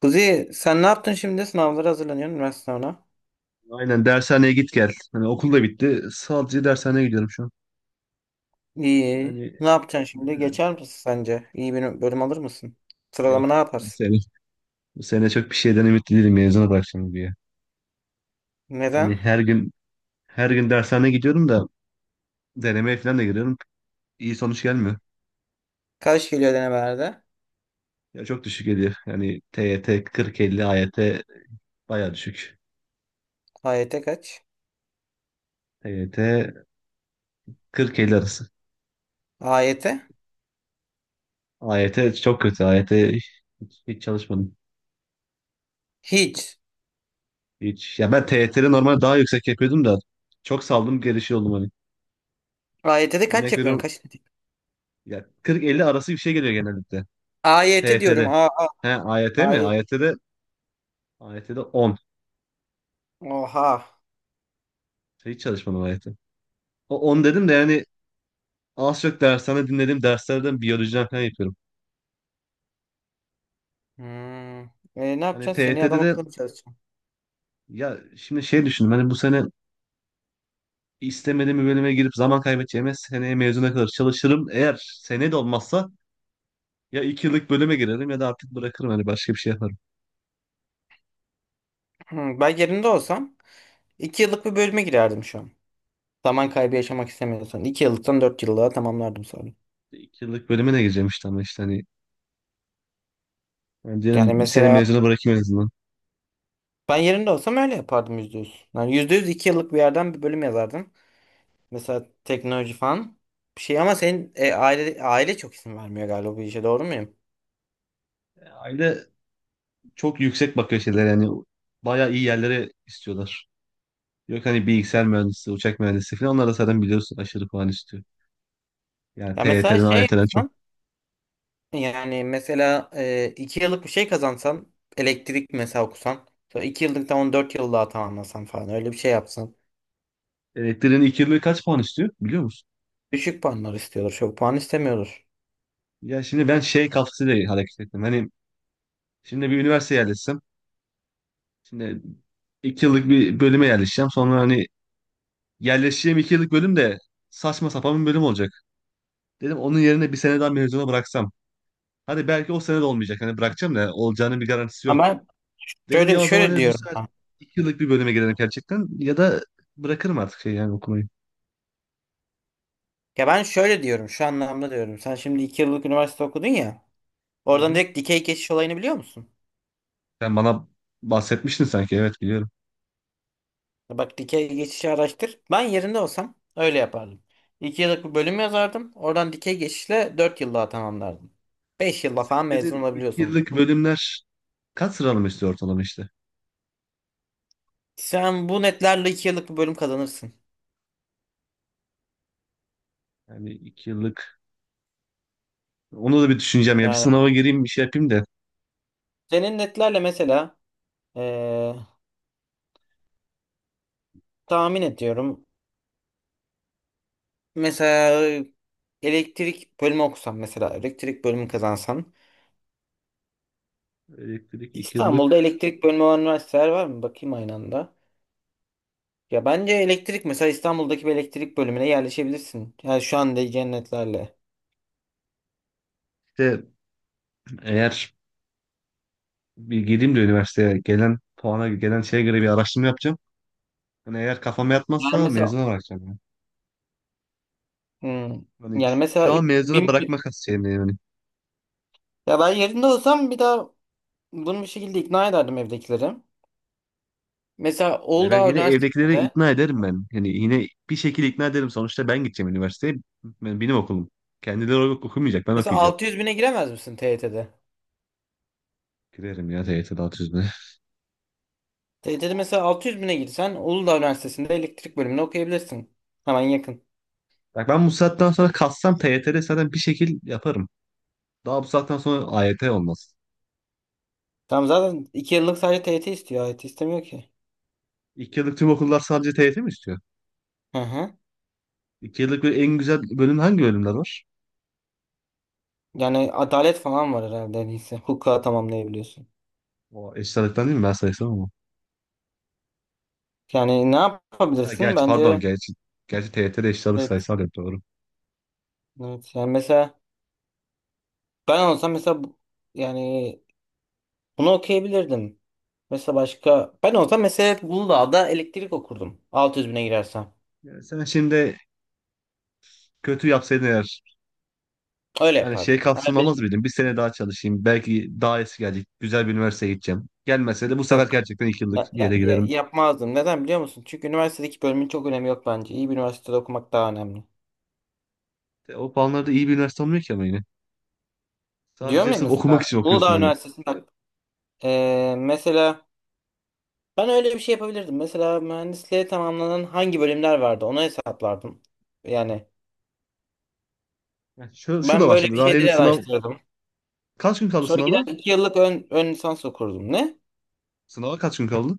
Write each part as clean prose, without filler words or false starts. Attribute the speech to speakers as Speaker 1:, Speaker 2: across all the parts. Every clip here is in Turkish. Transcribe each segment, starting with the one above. Speaker 1: Kuzi, sen ne yaptın şimdi? Sınavlara hazırlanıyorsun, üniversite sınavına.
Speaker 2: Aynen dershaneye git gel. Hani okul da bitti. Sadece dershaneye gidiyorum şu an.
Speaker 1: İyi.
Speaker 2: Yani
Speaker 1: Ne yapacaksın şimdi? Geçer misin sence? İyi bir bölüm alır mısın? Sıralama
Speaker 2: yok
Speaker 1: ne
Speaker 2: bu
Speaker 1: yaparsın?
Speaker 2: sene. Bu sene çok bir şeyden ümitli değilim mezuna bırakacağım diye. Hani
Speaker 1: Neden?
Speaker 2: her gün her gün dershaneye gidiyorum da denemeye falan da giriyorum. İyi sonuç gelmiyor.
Speaker 1: Kaç geliyor denemelerde?
Speaker 2: Ya çok düşük geliyor. Yani TYT 40-50, AYT bayağı düşük.
Speaker 1: AYT kaç?
Speaker 2: TYT 40-50 arası.
Speaker 1: AYT?
Speaker 2: AYT çok kötü. AYT hiç, hiç çalışmadım.
Speaker 1: Hiç.
Speaker 2: Hiç. Ya ben TYT'de normal daha yüksek yapıyordum da çok saldım gelişi oldum hani.
Speaker 1: AYT'de kaç
Speaker 2: Örnek
Speaker 1: yapıyorsun?
Speaker 2: veriyorum,
Speaker 1: Kaç dedik?
Speaker 2: ya 40-50 arası bir şey geliyor genellikle.
Speaker 1: AYT diyorum.
Speaker 2: TYT'de. He AYT mi?
Speaker 1: AYT.
Speaker 2: AYT'de 10.
Speaker 1: Oha.
Speaker 2: Hiç çalışmadım AYT. O 10 dedim de
Speaker 1: Benim-
Speaker 2: yani az çok dershane dinlediğim derslerden biyolojiden falan yapıyorum.
Speaker 1: Hmm. E, ne
Speaker 2: Hani
Speaker 1: yapacaksın? Seneye
Speaker 2: TYT'de
Speaker 1: adam
Speaker 2: de
Speaker 1: akıllı mı çalışacaksın?
Speaker 2: ya şimdi şey düşündüm hani bu sene istemediğim bir bölüme girip zaman kaybedeceğime seneye mezuna kadar çalışırım. Eğer sene de olmazsa ya 2 yıllık bölüme girerim ya da artık bırakırım hani başka bir şey yaparım.
Speaker 1: Hmm, ben yerinde olsam 2 yıllık bir bölüme girerdim şu an. Zaman kaybı yaşamak istemiyorsan, 2 yıllıktan 4 yıllığa tamamlardım sonra.
Speaker 2: 2 yıllık bölüme ne gireceğim işte ama işte hani yani
Speaker 1: Yani
Speaker 2: diyelim bir sene
Speaker 1: mesela
Speaker 2: mezuna bırakayım en azından.
Speaker 1: ben yerinde olsam öyle yapardım, %100. Yani %100 iki yıllık bir yerden bir bölüm yazardım. Mesela teknoloji falan bir şey, ama senin aile çok izin vermiyor galiba. Bu işe doğru muyum?
Speaker 2: Aile çok yüksek bakıyor şeyler yani, bayağı iyi yerlere istiyorlar. Yok hani bilgisayar mühendisi, uçak mühendisi falan onlar da zaten biliyorsun aşırı puan istiyor. Yani
Speaker 1: Ya mesela
Speaker 2: T1'ten TYT'den,
Speaker 1: şey
Speaker 2: AYT'den çok.
Speaker 1: yapsan, yani mesela iki yıllık bir şey kazansan, elektrik mesela okusan, sonra iki yıllıktan 14 yıl daha tamamlasan falan, öyle bir şey yapsan.
Speaker 2: Elektriğin ilk yılı kaç puan istiyor, biliyor musun?
Speaker 1: Düşük puanlar istiyordur, çok puan istemiyordur.
Speaker 2: Ya şimdi ben şey kafasıyla hareket ettim. Hani şimdi bir üniversiteye yerleşsem, şimdi iki yıllık bir bölüme yerleşeceğim. Sonra hani yerleşeceğim iki yıllık bölüm de saçma sapan bir bölüm olacak. Dedim onun yerine bir sene daha mezuna bıraksam. Hadi belki o sene de olmayacak. Hani bırakacağım da olacağının bir garantisi yok.
Speaker 1: Ama
Speaker 2: Dedim
Speaker 1: şöyle
Speaker 2: ya, o zaman
Speaker 1: şöyle
Speaker 2: dedim, bu
Speaker 1: diyorum
Speaker 2: sefer
Speaker 1: ha.
Speaker 2: iki yıllık bir bölüme girelim gerçekten ya da bırakırım artık şey yani okumayı.
Speaker 1: Ya ben şöyle diyorum, şu anlamda diyorum. Sen şimdi iki yıllık üniversite okudun ya.
Speaker 2: Hı
Speaker 1: Oradan
Speaker 2: hı.
Speaker 1: direkt dikey geçiş olayını biliyor musun?
Speaker 2: Sen bana bahsetmiştin sanki, evet biliyorum.
Speaker 1: Bak, dikey geçişi araştır. Ben yerinde olsam öyle yapardım. 2 yıllık bir bölüm yazardım. Oradan dikey geçişle 4 yıllığa tamamlardım. 5 yılla
Speaker 2: Senin
Speaker 1: falan mezun
Speaker 2: dediğin iki
Speaker 1: olabiliyorsun.
Speaker 2: yıllık bölümler kaç sıralama istiyor ortalama işte?
Speaker 1: Sen bu netlerle 2 yıllık bir bölüm kazanırsın.
Speaker 2: Yani iki yıllık, onu da bir düşüneceğim ya, bir
Speaker 1: Yani
Speaker 2: sınava gireyim bir şey yapayım da.
Speaker 1: senin netlerle mesela eee, tahmin ediyorum. Mesela elektrik bölümü okusan, mesela elektrik bölümü kazansan.
Speaker 2: Elektrik iki
Speaker 1: İstanbul'da
Speaker 2: yıllık.
Speaker 1: elektrik bölümü olan üniversiteler var mı? Bakayım aynı anda. Ya bence elektrik, mesela İstanbul'daki bir elektrik bölümüne yerleşebilirsin. Yani şu anda cennetlerle.
Speaker 2: İşte eğer bir gireyim de üniversiteye gelen puana gelen şeye göre bir araştırma yapacağım. Hani eğer kafama
Speaker 1: Yani
Speaker 2: yatmazsa
Speaker 1: mesela
Speaker 2: mezuna bırakacağım yani.
Speaker 1: hmm,
Speaker 2: Hani
Speaker 1: yani
Speaker 2: şu
Speaker 1: mesela
Speaker 2: şu an mezuna bırakmak şeyim yani.
Speaker 1: ya ben yerinde olsam bir daha bunu bir şekilde ikna ederdim evdekileri. Mesela
Speaker 2: Ya, ben
Speaker 1: Uludağ
Speaker 2: yine evdekileri
Speaker 1: Üniversitesi'nde,
Speaker 2: ikna ederim ben. Yani yine bir şekilde ikna ederim. Sonuçta ben gideceğim üniversiteye. Ben, benim okulum. Kendileri okumayacak. Ben
Speaker 1: mesela
Speaker 2: okuyacağım.
Speaker 1: 600 bine giremez misin TYT'de?
Speaker 2: Girerim ya TYT'de alt yüzüne.
Speaker 1: TYT'de mesela 600 bine girsen Uludağ Üniversitesi'nde elektrik bölümüne okuyabilirsin. Hemen yakın.
Speaker 2: Bak ben bu saatten sonra kassam TYT'de zaten bir şekil yaparım. Daha bu saatten sonra AYT olmaz.
Speaker 1: Tamam, zaten 2 yıllık sadece TYT istiyor. AYT istemiyor ki.
Speaker 2: İki yıllık tüm okullar sadece TYT mi istiyor?
Speaker 1: Hı hı.
Speaker 2: İki yıllık böyle en güzel bölüm hangi bölümler var?
Speaker 1: Yani adalet falan var herhalde, neyse. Hukuka tamamlayabiliyorsun.
Speaker 2: O eşit ağırlıktan değil mi? Ben sayısal ama.
Speaker 1: Yani ne
Speaker 2: Ha,
Speaker 1: yapabilirsin?
Speaker 2: gerçi pardon,
Speaker 1: Bence
Speaker 2: gerçi. Gerçi TYT'de eşit ağırlık
Speaker 1: evet.
Speaker 2: sayısal yok, doğru.
Speaker 1: Evet. Yani mesela ben olsam mesela yani bunu okuyabilirdim. Mesela başka, ben olsam mesela Uludağ'da elektrik okurdum. 600 bine girersem.
Speaker 2: Ya sen şimdi kötü yapsaydın eğer.
Speaker 1: Öyle
Speaker 2: Hani şey
Speaker 1: yapardım. Hani
Speaker 2: kapsamamaz
Speaker 1: benim,
Speaker 2: mıydım? Bir sene daha çalışayım. Belki daha iyisi gelecek. Güzel bir üniversiteye gideceğim. Gelmese de bu sefer
Speaker 1: yok,
Speaker 2: gerçekten iki yıllık yere giderim.
Speaker 1: yapmazdım. Neden biliyor musun? Çünkü üniversitedeki bölümün çok önemi yok bence. İyi bir üniversitede okumak daha önemli.
Speaker 2: O puanlarda iyi bir üniversite olmuyor ki ama yine.
Speaker 1: Diyorum
Speaker 2: Sadece
Speaker 1: ya,
Speaker 2: sırf okumak
Speaker 1: mesela
Speaker 2: için okuyorsun
Speaker 1: Uludağ
Speaker 2: hani.
Speaker 1: Üniversitesi'nde bak, mesela ben öyle bir şey yapabilirdim. Mesela mühendisliğe tamamlanan hangi bölümler vardı onu hesaplardım. Yani
Speaker 2: Yani şu da
Speaker 1: ben
Speaker 2: var
Speaker 1: böyle
Speaker 2: şimdi.
Speaker 1: bir
Speaker 2: Daha henüz
Speaker 1: şeyleri
Speaker 2: sınav...
Speaker 1: araştırdım.
Speaker 2: Kaç gün kaldı
Speaker 1: Sonra gider
Speaker 2: sınava?
Speaker 1: iki yıllık ön lisans okurdum. Ne?
Speaker 2: Sınava kaç gün kaldı?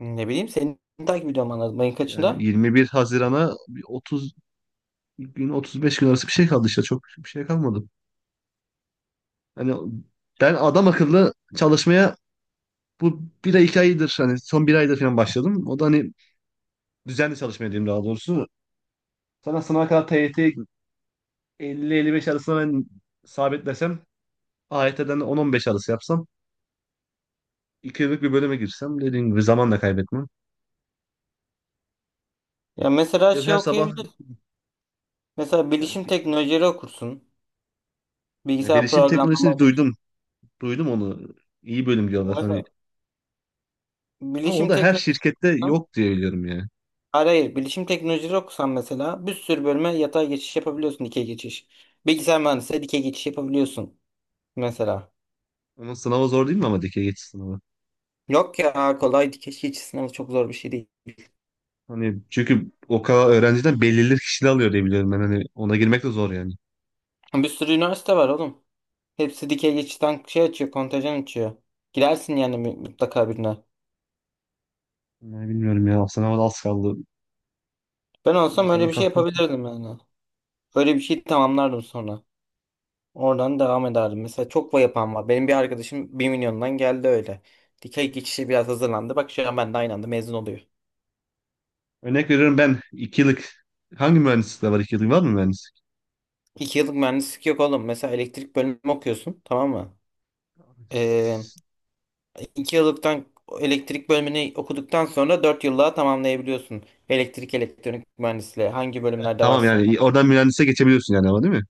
Speaker 1: Ne bileyim, seni takip ediyorum, anladım. Ayın
Speaker 2: Yani
Speaker 1: kaçında?
Speaker 2: 21 Haziran'a bir 30 gün, 35 gün arası bir şey kaldı işte. Çok bir şey kalmadı. Hani ben adam akıllı çalışmaya bu bir ay iki aydır, hani son bir ayda falan başladım. O da hani düzenli çalışmaya diyeyim, daha doğrusu. Sana sınava kadar TYT 50-55 arasına ben sabitlesem, AYT'den 10-15 arası yapsam, 2 yıllık bir bölüme girsem dediğim gibi zaman da kaybetmem.
Speaker 1: Ya mesela
Speaker 2: İşte
Speaker 1: şey
Speaker 2: her sabah
Speaker 1: okuyabilirsin. Mesela
Speaker 2: yani,
Speaker 1: bilişim teknolojileri okursun. Bilgisayar
Speaker 2: bilişim
Speaker 1: programlama
Speaker 2: teknolojisini
Speaker 1: okursun.
Speaker 2: duydum. Duydum onu. İyi bölüm diyorlar hani.
Speaker 1: Mesela
Speaker 2: Ama o
Speaker 1: bilişim
Speaker 2: da her
Speaker 1: teknolojileri
Speaker 2: şirkette
Speaker 1: okusan-
Speaker 2: yok diye biliyorum yani.
Speaker 1: Hayır, hayır. Bilişim teknolojileri okusan, mesela bir sürü bölüme yatay geçiş yapabiliyorsun. Dikey geçiş. Bilgisayar mühendisliğe dikey geçiş yapabiliyorsun. Mesela.
Speaker 2: Onun sınavı zor değil mi ama, dikey geçiş sınavı?
Speaker 1: Yok ya, kolay, dikey geçiş sınavı çok zor bir şey değil.
Speaker 2: Hani çünkü o kadar öğrenciden belirli kişiler alıyor diye biliyorum ben, hani ona girmek de zor yani.
Speaker 1: Bir sürü üniversite var oğlum. Hepsi dikey geçitten şey açıyor, kontajan açıyor. Girersin yani, mutlaka birine.
Speaker 2: Yani bilmiyorum ya, sınava da az kaldı.
Speaker 1: Ben olsam
Speaker 2: Senin
Speaker 1: öyle bir şey
Speaker 2: katkın
Speaker 1: yapabilirdim yani. Öyle bir şey tamamlardım sonra. Oradan devam ederdim. Mesela çok va yapan var. Benim bir arkadaşım 1.000.000'dan geldi öyle. Dikey geçişe biraz hazırlandı. Bak, şu an ben de aynı anda mezun oluyor.
Speaker 2: Örnek veriyorum, ben iki yıllık hangi mühendislikte var, iki yıllık var mı mühendislik?
Speaker 1: 2 yıllık mühendislik yok oğlum. Mesela elektrik bölümü okuyorsun, tamam mı? Ee, 2 yıllıktan elektrik bölümünü okuduktan sonra 4 yıllığa tamamlayabiliyorsun. Elektrik, elektronik mühendisliği hangi bölümlerde
Speaker 2: Tamam
Speaker 1: varsa.
Speaker 2: yani oradan mühendise geçebiliyorsun yani, ama değil mi?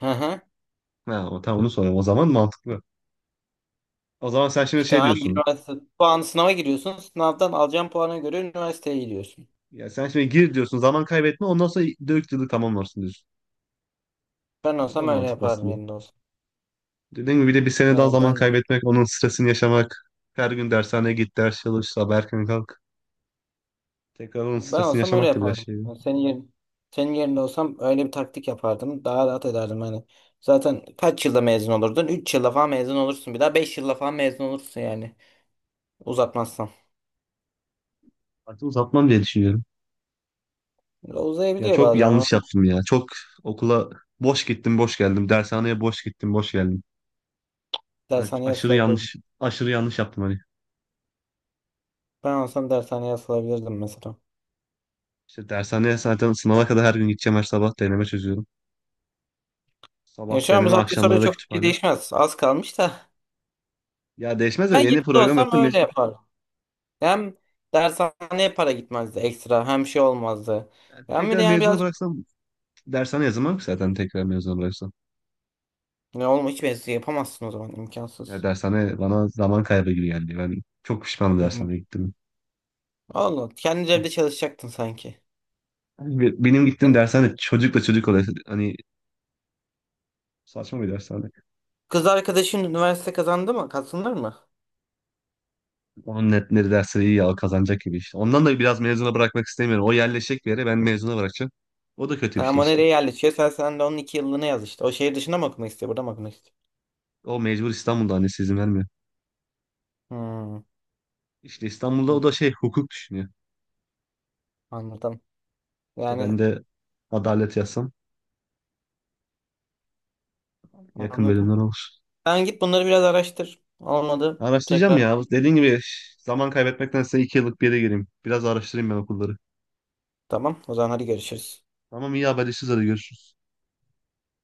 Speaker 1: Hı hı.
Speaker 2: Ha, o, tamam, onu soruyorum. O zaman mantıklı. O zaman sen şimdi
Speaker 1: İşte
Speaker 2: şey
Speaker 1: hangi
Speaker 2: diyorsun.
Speaker 1: üniversite puanı, sınava giriyorsun. Sınavdan alacağın puana göre üniversiteye gidiyorsun.
Speaker 2: Ya sen şimdi gir diyorsun. Zaman kaybetme. Ondan sonra dört yıllık tamamlarsın diyorsun.
Speaker 1: Ben
Speaker 2: O da
Speaker 1: olsam öyle
Speaker 2: mantıklı
Speaker 1: yapardım,
Speaker 2: aslında.
Speaker 1: yerinde olsam.
Speaker 2: Dediğim gibi bir de bir sene daha
Speaker 1: Yani
Speaker 2: zaman
Speaker 1: ben
Speaker 2: kaybetmek, onun stresini yaşamak. Her gün dershaneye git, ders çalış, sabah erken kalk. Tekrar onun
Speaker 1: ben
Speaker 2: stresini
Speaker 1: olsam öyle
Speaker 2: yaşamak da biraz
Speaker 1: yapardım.
Speaker 2: şey.
Speaker 1: Yani senin yerin, senin yerinde olsam öyle bir taktik yapardım. Daha rahat ederdim hani. Zaten kaç yılda mezun olurdun? 3 yılda falan mezun olursun. Bir daha 5 yılda falan mezun olursun yani. Uzatmazsan.
Speaker 2: Artık uzatmam diye düşünüyorum. Ya
Speaker 1: Uzayabiliyor
Speaker 2: çok
Speaker 1: bazen o.
Speaker 2: yanlış yaptım ya. Çok okula boş gittim, boş geldim. Dershaneye boş gittim, boş geldim. Hani
Speaker 1: Dershaneye
Speaker 2: aşırı
Speaker 1: asılabilirdim.
Speaker 2: yanlış, aşırı yanlış yaptım hani.
Speaker 1: Ben olsam dershaneye asılabilirdim mesela.
Speaker 2: İşte dershaneye zaten sınava kadar her gün gideceğim, her sabah deneme çözüyorum.
Speaker 1: Ya
Speaker 2: Sabah
Speaker 1: şu an bu
Speaker 2: deneme,
Speaker 1: saatten
Speaker 2: akşamları
Speaker 1: sonra
Speaker 2: da
Speaker 1: çok bir şey
Speaker 2: kütüphane.
Speaker 1: değişmez. Az kalmış da.
Speaker 2: Ya değişmez de
Speaker 1: Ben
Speaker 2: yeni
Speaker 1: yerinde
Speaker 2: program
Speaker 1: olsam
Speaker 2: yaptım. Mec-
Speaker 1: öyle yapardım. Hem dershaneye para gitmezdi ekstra, hem şey olmazdı.
Speaker 2: yani
Speaker 1: Hem bir de
Speaker 2: tekrar
Speaker 1: yani
Speaker 2: mezunu
Speaker 1: birazcık
Speaker 2: bıraksam dershane yazamam ki, zaten tekrar mezunu bıraksam.
Speaker 1: ne olma, hiç mevzu yapamazsın o zaman,
Speaker 2: Ya
Speaker 1: imkansız.
Speaker 2: dershane bana zaman kaybı gibi geldi. Ben çok pişmanım,
Speaker 1: İm-
Speaker 2: dershaneye gittim.
Speaker 1: Allah kendi
Speaker 2: Ah.
Speaker 1: evde çalışacaktın sanki.
Speaker 2: Hani benim gittiğim
Speaker 1: Yani
Speaker 2: dershane çocukla çocuk oluyor. Hani saçma bir dershane.
Speaker 1: kız arkadaşın üniversite kazandı mı? Kazanır mı?
Speaker 2: On net netleri, dersleri iyi al kazanacak gibi işte. Ondan da biraz mezuna bırakmak istemiyorum. O yerleşecek bir yere, ben mezuna bırakacağım. O da kötü
Speaker 1: Ha,
Speaker 2: bir şey
Speaker 1: ama
Speaker 2: işte.
Speaker 1: nereye yerleşiyor? Sen de onun iki yıllığını yaz işte. O şehir dışında mı okumak istiyor? Burada mı okumak istiyor?
Speaker 2: O mecbur İstanbul'da, annesi izin vermiyor.
Speaker 1: Hmm,
Speaker 2: İşte İstanbul'da
Speaker 1: an-
Speaker 2: o da şey hukuk düşünüyor.
Speaker 1: anladım.
Speaker 2: İşte ben
Speaker 1: Yani
Speaker 2: de adalet yazsam yakın
Speaker 1: anladım.
Speaker 2: bölümler olur.
Speaker 1: Sen git bunları biraz araştır. Olmadı,
Speaker 2: Araştıracağım
Speaker 1: tekrar.
Speaker 2: ya. Dediğin gibi zaman kaybetmektense iki yıllık bir yere gireyim. Biraz araştırayım ben okulları.
Speaker 1: Tamam. O zaman hadi görüşürüz.
Speaker 2: Tamam, iyi, haberleşiriz, hadi görüşürüz.